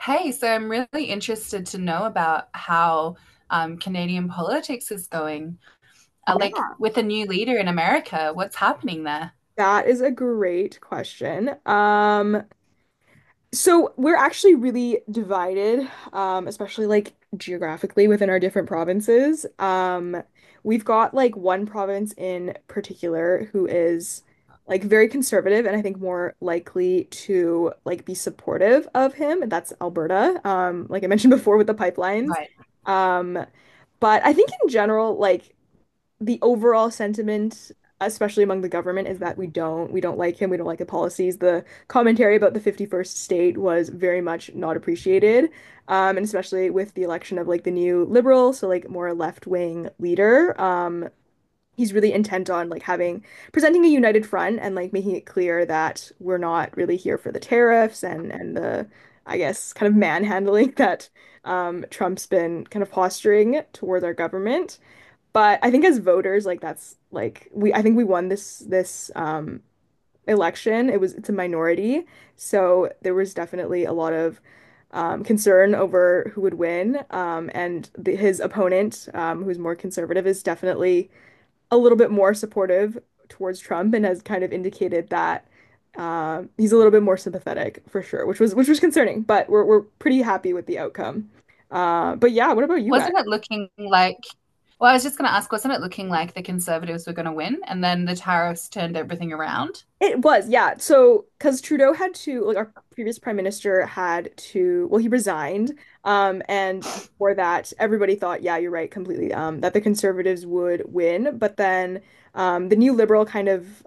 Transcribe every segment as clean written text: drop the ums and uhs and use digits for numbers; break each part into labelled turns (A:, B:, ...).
A: Hey, so I'm really interested to know about how Canadian politics is going. Like
B: Yeah,
A: with a new leader in America, what's happening there?
B: that is a great question. So we're actually really divided, especially like geographically within our different provinces. We've got like one province in particular who is like very conservative and I think more likely to like be supportive of him, and that's Alberta. Like I mentioned before with the pipelines.
A: Right.
B: Um, but I think in general, like the overall sentiment, especially among the government, is that we don't like him. We don't like the policies. The commentary about the 51st state was very much not appreciated, and especially with the election of like the new liberal, so like more left-wing leader. He's really intent on like having presenting a united front and like making it clear that we're not really here for the tariffs and the I guess kind of manhandling that Trump's been kind of posturing towards our government. But I think as voters, like that's like we I think we won this election. It was it's a minority. So there was definitely a lot of concern over who would win. And his opponent, who's more conservative, is definitely a little bit more supportive towards Trump and has kind of indicated that he's a little bit more sympathetic for sure, which was concerning, but we're pretty happy with the outcome. But yeah, what about you guys?
A: Wasn't it looking like, well, I was just going to ask, wasn't it looking like the Conservatives were going to win and then the tariffs turned everything around?
B: It was, yeah. So, because Trudeau had to, like, our previous prime minister had to, well, he resigned. And before that, everybody thought, yeah, you're right, completely, that the Conservatives would win. But then, the new Liberal kind of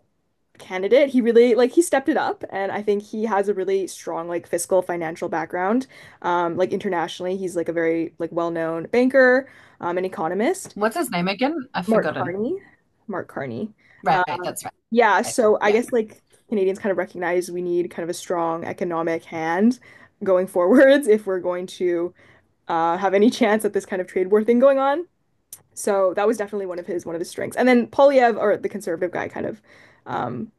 B: candidate, he really, like, he stepped it up. And I think he has a really strong, like, fiscal financial background. Like, internationally, he's, like, a very, like, well-known banker, an economist.
A: What's his name again? I've
B: Mark
A: forgotten.
B: Carney. Mark Carney.
A: Right, that's
B: Yeah,
A: right.
B: so I
A: Yeah.
B: guess like Canadians kind of recognize we need kind of a strong economic hand going forwards if we're going to have any chance at this kind of trade war thing going on. So that was definitely one of his strengths. And then Polyev, or the conservative guy, kind of um,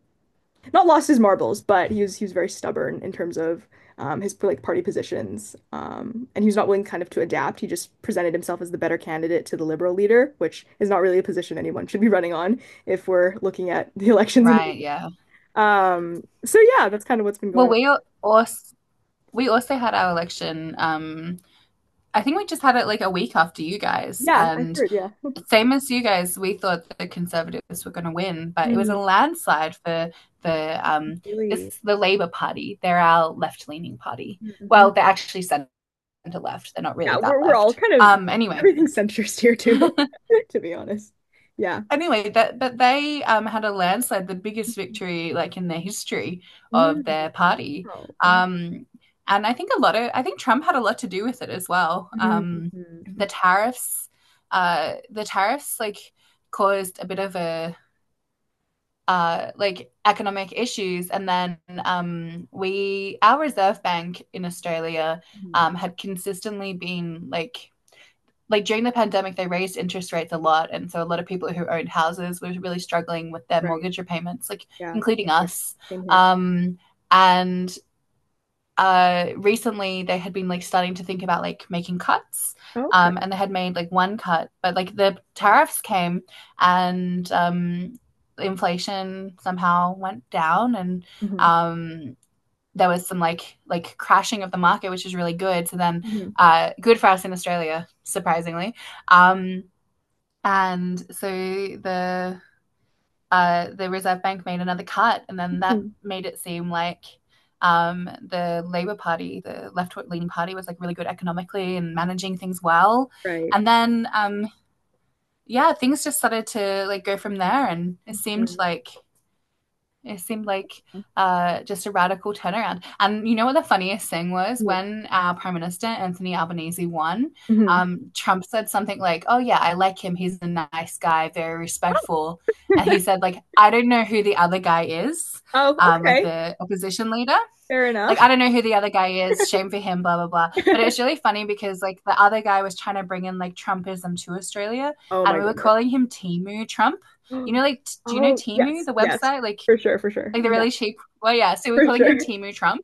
B: not lost his marbles, but he was very stubborn in terms of his like party positions, and he was not willing kind of to adapt. He just presented himself as the better candidate to the liberal leader, which is not really a position anyone should be running on if we're looking at the elections in
A: Right,
B: the
A: yeah.
B: um, So yeah, that's kind of what's been
A: Well,
B: going on.
A: also we also had our election. I think we just had it like a week after you guys,
B: Yeah, I
A: and
B: heard, yeah.
A: same as you guys, we thought the Conservatives were going to win, but it was
B: Mm,
A: a landslide for the
B: really.
A: it's the Labour Party. They're our left leaning party.
B: Mhm.
A: Well, they're actually centre left. They're not
B: Yeah,
A: really that
B: we're all
A: left.
B: kind of
A: Anyway,
B: everything's centrist here too, to be honest. Yeah.
A: anyway, that but they had a landslide, the biggest victory like in the history of
B: Mm.
A: their party.
B: Oh, wow.
A: Um, and I think Trump had a lot to do with it as well.
B: Mm, mhm,
A: The
B: mhm,
A: tariffs, the tariffs like caused a bit of a like economic issues. And then we, our Reserve Bank in Australia,
B: mhm.
A: had consistently been like during the pandemic, they raised interest rates a lot, and so a lot of people who owned houses were really struggling with their
B: Right.
A: mortgage repayments, like
B: Yeah. Same
A: including
B: here.
A: us.
B: Same here.
A: Um, and recently they had been like starting to think about like making cuts.
B: Oh, okay.
A: And they had made like one cut, but like the tariffs came and inflation somehow went down and
B: Hmm.
A: um, there was some like crashing of the market, which is really good. So then,
B: Hmm.
A: good for us in Australia, surprisingly. Um, and so the Reserve Bank made another cut, and then that
B: Hmm.
A: made it seem like the Labour Party, the left-leaning party, was like really good economically and managing things well.
B: Right.
A: And then, yeah, things just started to like go from there, and
B: Mm.
A: it seemed like just a radical turnaround. And you know what the funniest thing was?
B: Yeah.
A: When our Prime Minister, Anthony Albanese, won,
B: Hmm.
A: Trump said something like, "Oh, yeah, I like him. He's a nice guy, very respectful." And he said, like, "I don't know who the other guy is,"
B: Oh,
A: like
B: okay.
A: the opposition leader.
B: Fair
A: "Like, I
B: enough.
A: don't know who the other guy is. Shame for him, blah, blah, blah." But it was really funny because, like, the other guy was trying to bring in, like, Trumpism to Australia.
B: Oh
A: And
B: my
A: we were
B: goodness.
A: calling him Timu Trump. You know, like, do you know
B: Oh,
A: Timu,
B: yes,
A: the
B: yes.
A: website?
B: For sure, for sure.
A: Like the
B: Yeah,
A: really cheap. Well, yeah. So we're
B: for
A: calling him
B: sure.
A: Timu Trump,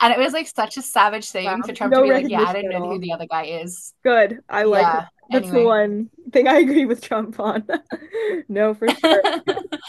A: and it was like such a savage
B: Wow,
A: thing for Trump to
B: no
A: be like, "Yeah, I
B: recognition
A: don't
B: at
A: know who
B: all.
A: the other guy is."
B: Good. I like that.
A: Yeah.
B: That's the
A: Anyway.
B: one thing I agree with Trump on. No, for sure.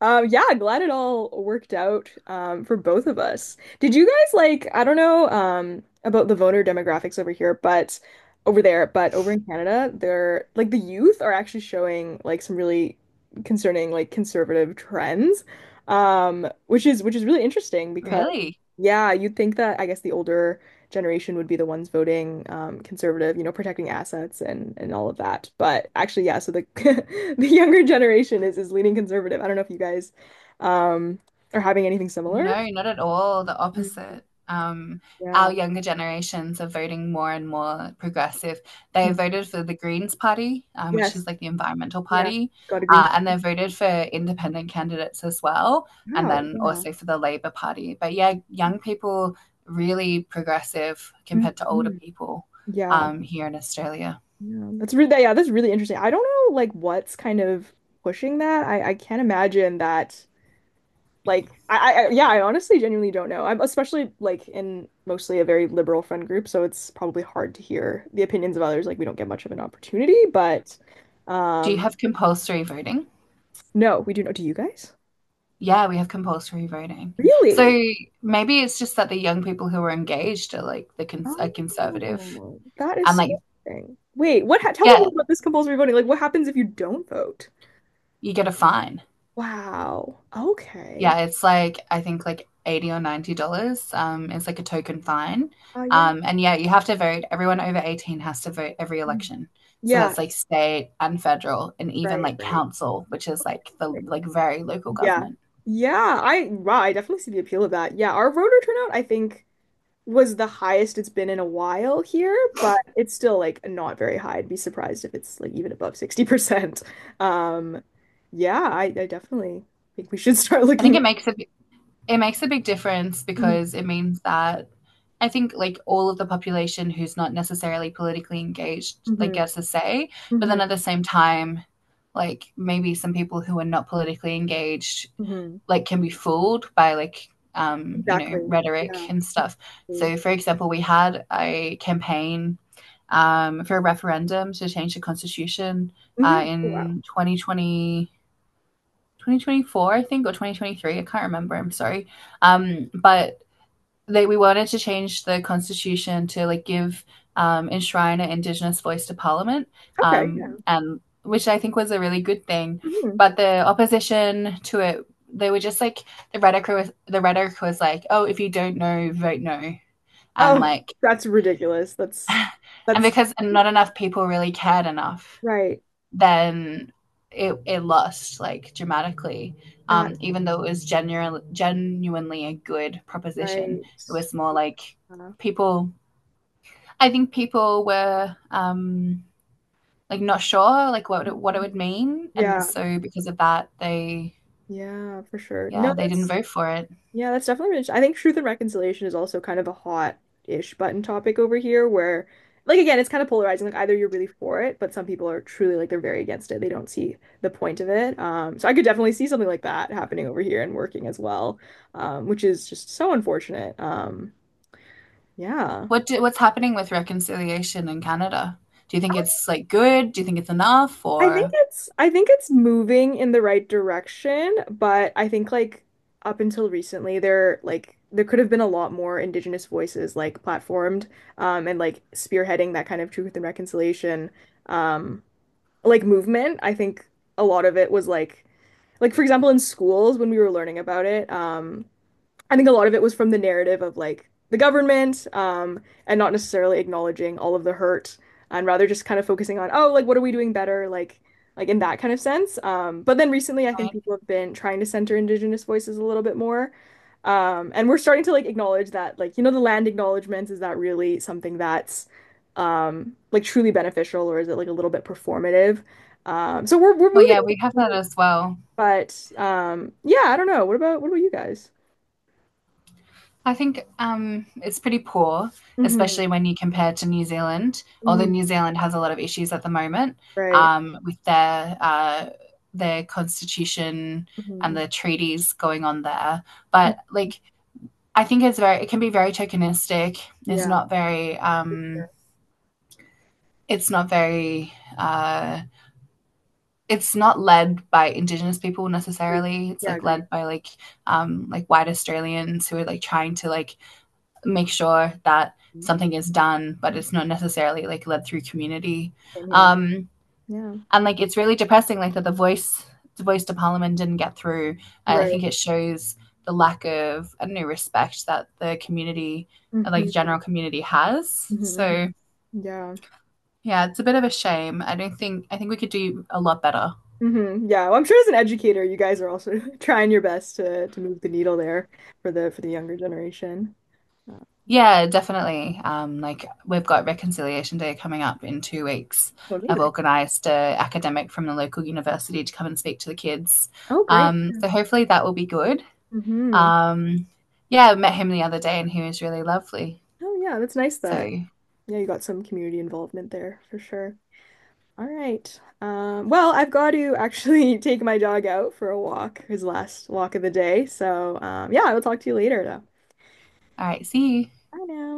B: Yeah, glad it all worked out for both of us. Did you guys like, I don't know about the voter demographics over there, but over in Canada, they're like the youth are actually showing like some really concerning like conservative trends, which is really interesting because
A: Really?
B: yeah, you'd think that I guess the older generation would be the ones voting conservative, you know, protecting assets and all of that. But actually, yeah, so the the younger generation is leaning conservative. I don't know if you guys um are having anything similar.
A: No, not at all. The
B: Mm,
A: opposite. Our
B: yeah.
A: younger generations are voting more and more progressive. They
B: Mm.
A: voted for the Greens Party, which
B: Yes.
A: is like the environmental
B: Yeah.
A: party,
B: Got a green
A: and
B: card.
A: they voted for independent candidates as well, and
B: Wow.
A: then
B: Yeah.
A: also for the Labour Party. But yeah, young people really progressive compared to older
B: Mhm.
A: people
B: Yeah.
A: here in Australia.
B: Yeah. That's really yeah, that's really interesting. I don't know like what's kind of pushing that. I can't imagine that Like I, I yeah, I honestly genuinely don't know. I'm especially like in mostly a very liberal friend group, so it's probably hard to hear the opinions of others. Like we don't get much of an opportunity, but
A: Do you
B: um
A: have compulsory voting?
B: no, we do know. Do you guys?
A: Yeah, we have compulsory voting. So
B: Really?
A: maybe it's just that the young people who are engaged are like the cons are conservative
B: Oh, that is
A: and
B: so
A: like
B: interesting. Wait, what ha tell me more
A: yeah,
B: about this compulsory voting. Like what happens if you don't vote?
A: you get a fine.
B: Wow. Okay.
A: Yeah, it's like I think like 80 or $90. It's like a token fine.
B: Oh yeah.
A: And yeah, you have to vote. Everyone over 18 has to vote every
B: Mhm.
A: election. So
B: Yeah,
A: that's like state and federal and even like
B: right.
A: council, which is like the
B: Right.
A: like very local
B: Yeah.
A: government.
B: Yeah, I wow, I definitely see the appeal of that. Yeah, our voter turnout, I think was the highest it's been in a while here, but it's still like not very high. I'd be surprised if it's like even above 60%. Um, yeah, I definitely think we should start
A: I think
B: looking
A: it
B: at.
A: makes it It makes a big difference
B: Mhm,
A: because it means that I think like all of the population who's not necessarily politically engaged like
B: mhm,
A: gets a say, but then
B: mhm,
A: at the same time, like maybe some people who are not politically engaged
B: mhm.
A: like can be fooled by like
B: Exactly.
A: rhetoric
B: Yeah.
A: and stuff.
B: Mm.
A: So for example, we had a campaign for a referendum to change the constitution
B: Mhm. Wow.
A: in 2020. 2024, I think, or 2023. I can't remember. I'm sorry. But we wanted to change the constitution to like give enshrine an Indigenous voice to Parliament,
B: Okay. Yeah.
A: and which I think was a really good thing.
B: Mhm.
A: But the opposition to it, they were just like the rhetoric was like, oh, if you don't know, vote no, and
B: Oh,
A: like
B: that's ridiculous.
A: and
B: That's
A: because not enough people really cared enough
B: right.
A: then it lost like dramatically.
B: That
A: Even though it was genuinely a good proposition,
B: right.
A: it was more like
B: Yeah.
A: people. I think people were like not sure like what it
B: Mhm.
A: would mean, and
B: Yeah,
A: so because of that, they
B: yeah, for sure. No,
A: yeah they didn't
B: that's
A: vote for it.
B: yeah, that's definitely really, I think truth and reconciliation is also kind of a hot-ish button topic over here where like again, it's kind of polarizing. Like either you're really for it, but some people are truly like they're very against it. They don't see the point of it. So I could definitely see something like that happening over here and working as well, which is just so unfortunate. Yeah.
A: What's happening with reconciliation in Canada? Do you think it's like good? Do you think it's enough? Or
B: I think it's moving in the right direction, but I think like up until recently there like there could have been a lot more Indigenous voices like platformed and like spearheading that kind of truth and reconciliation um like movement. I think a lot of it was like for example in schools when we were learning about it I think a lot of it was from the narrative of like the government, and not necessarily acknowledging all of the hurt and rather just kind of focusing on, oh, like what are we doing better? Like in that kind of sense. But then recently I think
A: right?
B: people have been trying to center Indigenous voices a little bit more. And we're starting to like acknowledge that like, you know, the land acknowledgements, is that really something that's like truly beneficial or is it like a little bit performative? So we're
A: Well,
B: moving,
A: yeah, we have that as well.
B: but yeah, I don't know. What about you guys?
A: I think it's pretty poor,
B: Hmm.
A: especially when you compare to New Zealand. Although New Zealand has a lot of issues at the moment
B: Right.
A: with their constitution and
B: Hmm.
A: the treaties going on there, but like I think it's very it can be very tokenistic. It's
B: Yeah,
A: not very it's not very it's not led by Indigenous people
B: agreed.
A: necessarily. It's
B: Yeah,
A: like
B: agreed.
A: led by like white Australians who are like trying to like make sure that
B: Mhm.
A: something is done, but it's not necessarily like led through community.
B: Same here.
A: Um,
B: Yeah.
A: and like it's really depressing, like that the voice to parliament didn't get through. I
B: Right.
A: think it shows the lack of I don't know respect that the community, like
B: Hmm.
A: general community, has.
B: Hmm.
A: So
B: Yeah.
A: yeah, it's a bit of a shame. I don't think I think we could do a lot better.
B: Hmm. Yeah. Well, I'm sure as an educator, you guys are also trying your best to move the needle there for the younger generation. Uh,
A: Yeah, definitely. Like we've got Reconciliation Day coming up in 2 weeks.
B: well,
A: I've
B: amazing.
A: organised a academic from the local university to come and speak to the kids.
B: Oh, great.
A: So hopefully that will be good.
B: Hmm.
A: Um, yeah, I met him the other day and he was really lovely.
B: Oh, yeah. That's nice
A: So,
B: that
A: all
B: yeah you got some community involvement there for sure. All right. Well, I've got to actually take my dog out for a walk, his last walk of the day. So, yeah, I will talk to you later, though.
A: right, see you.
B: Bye now.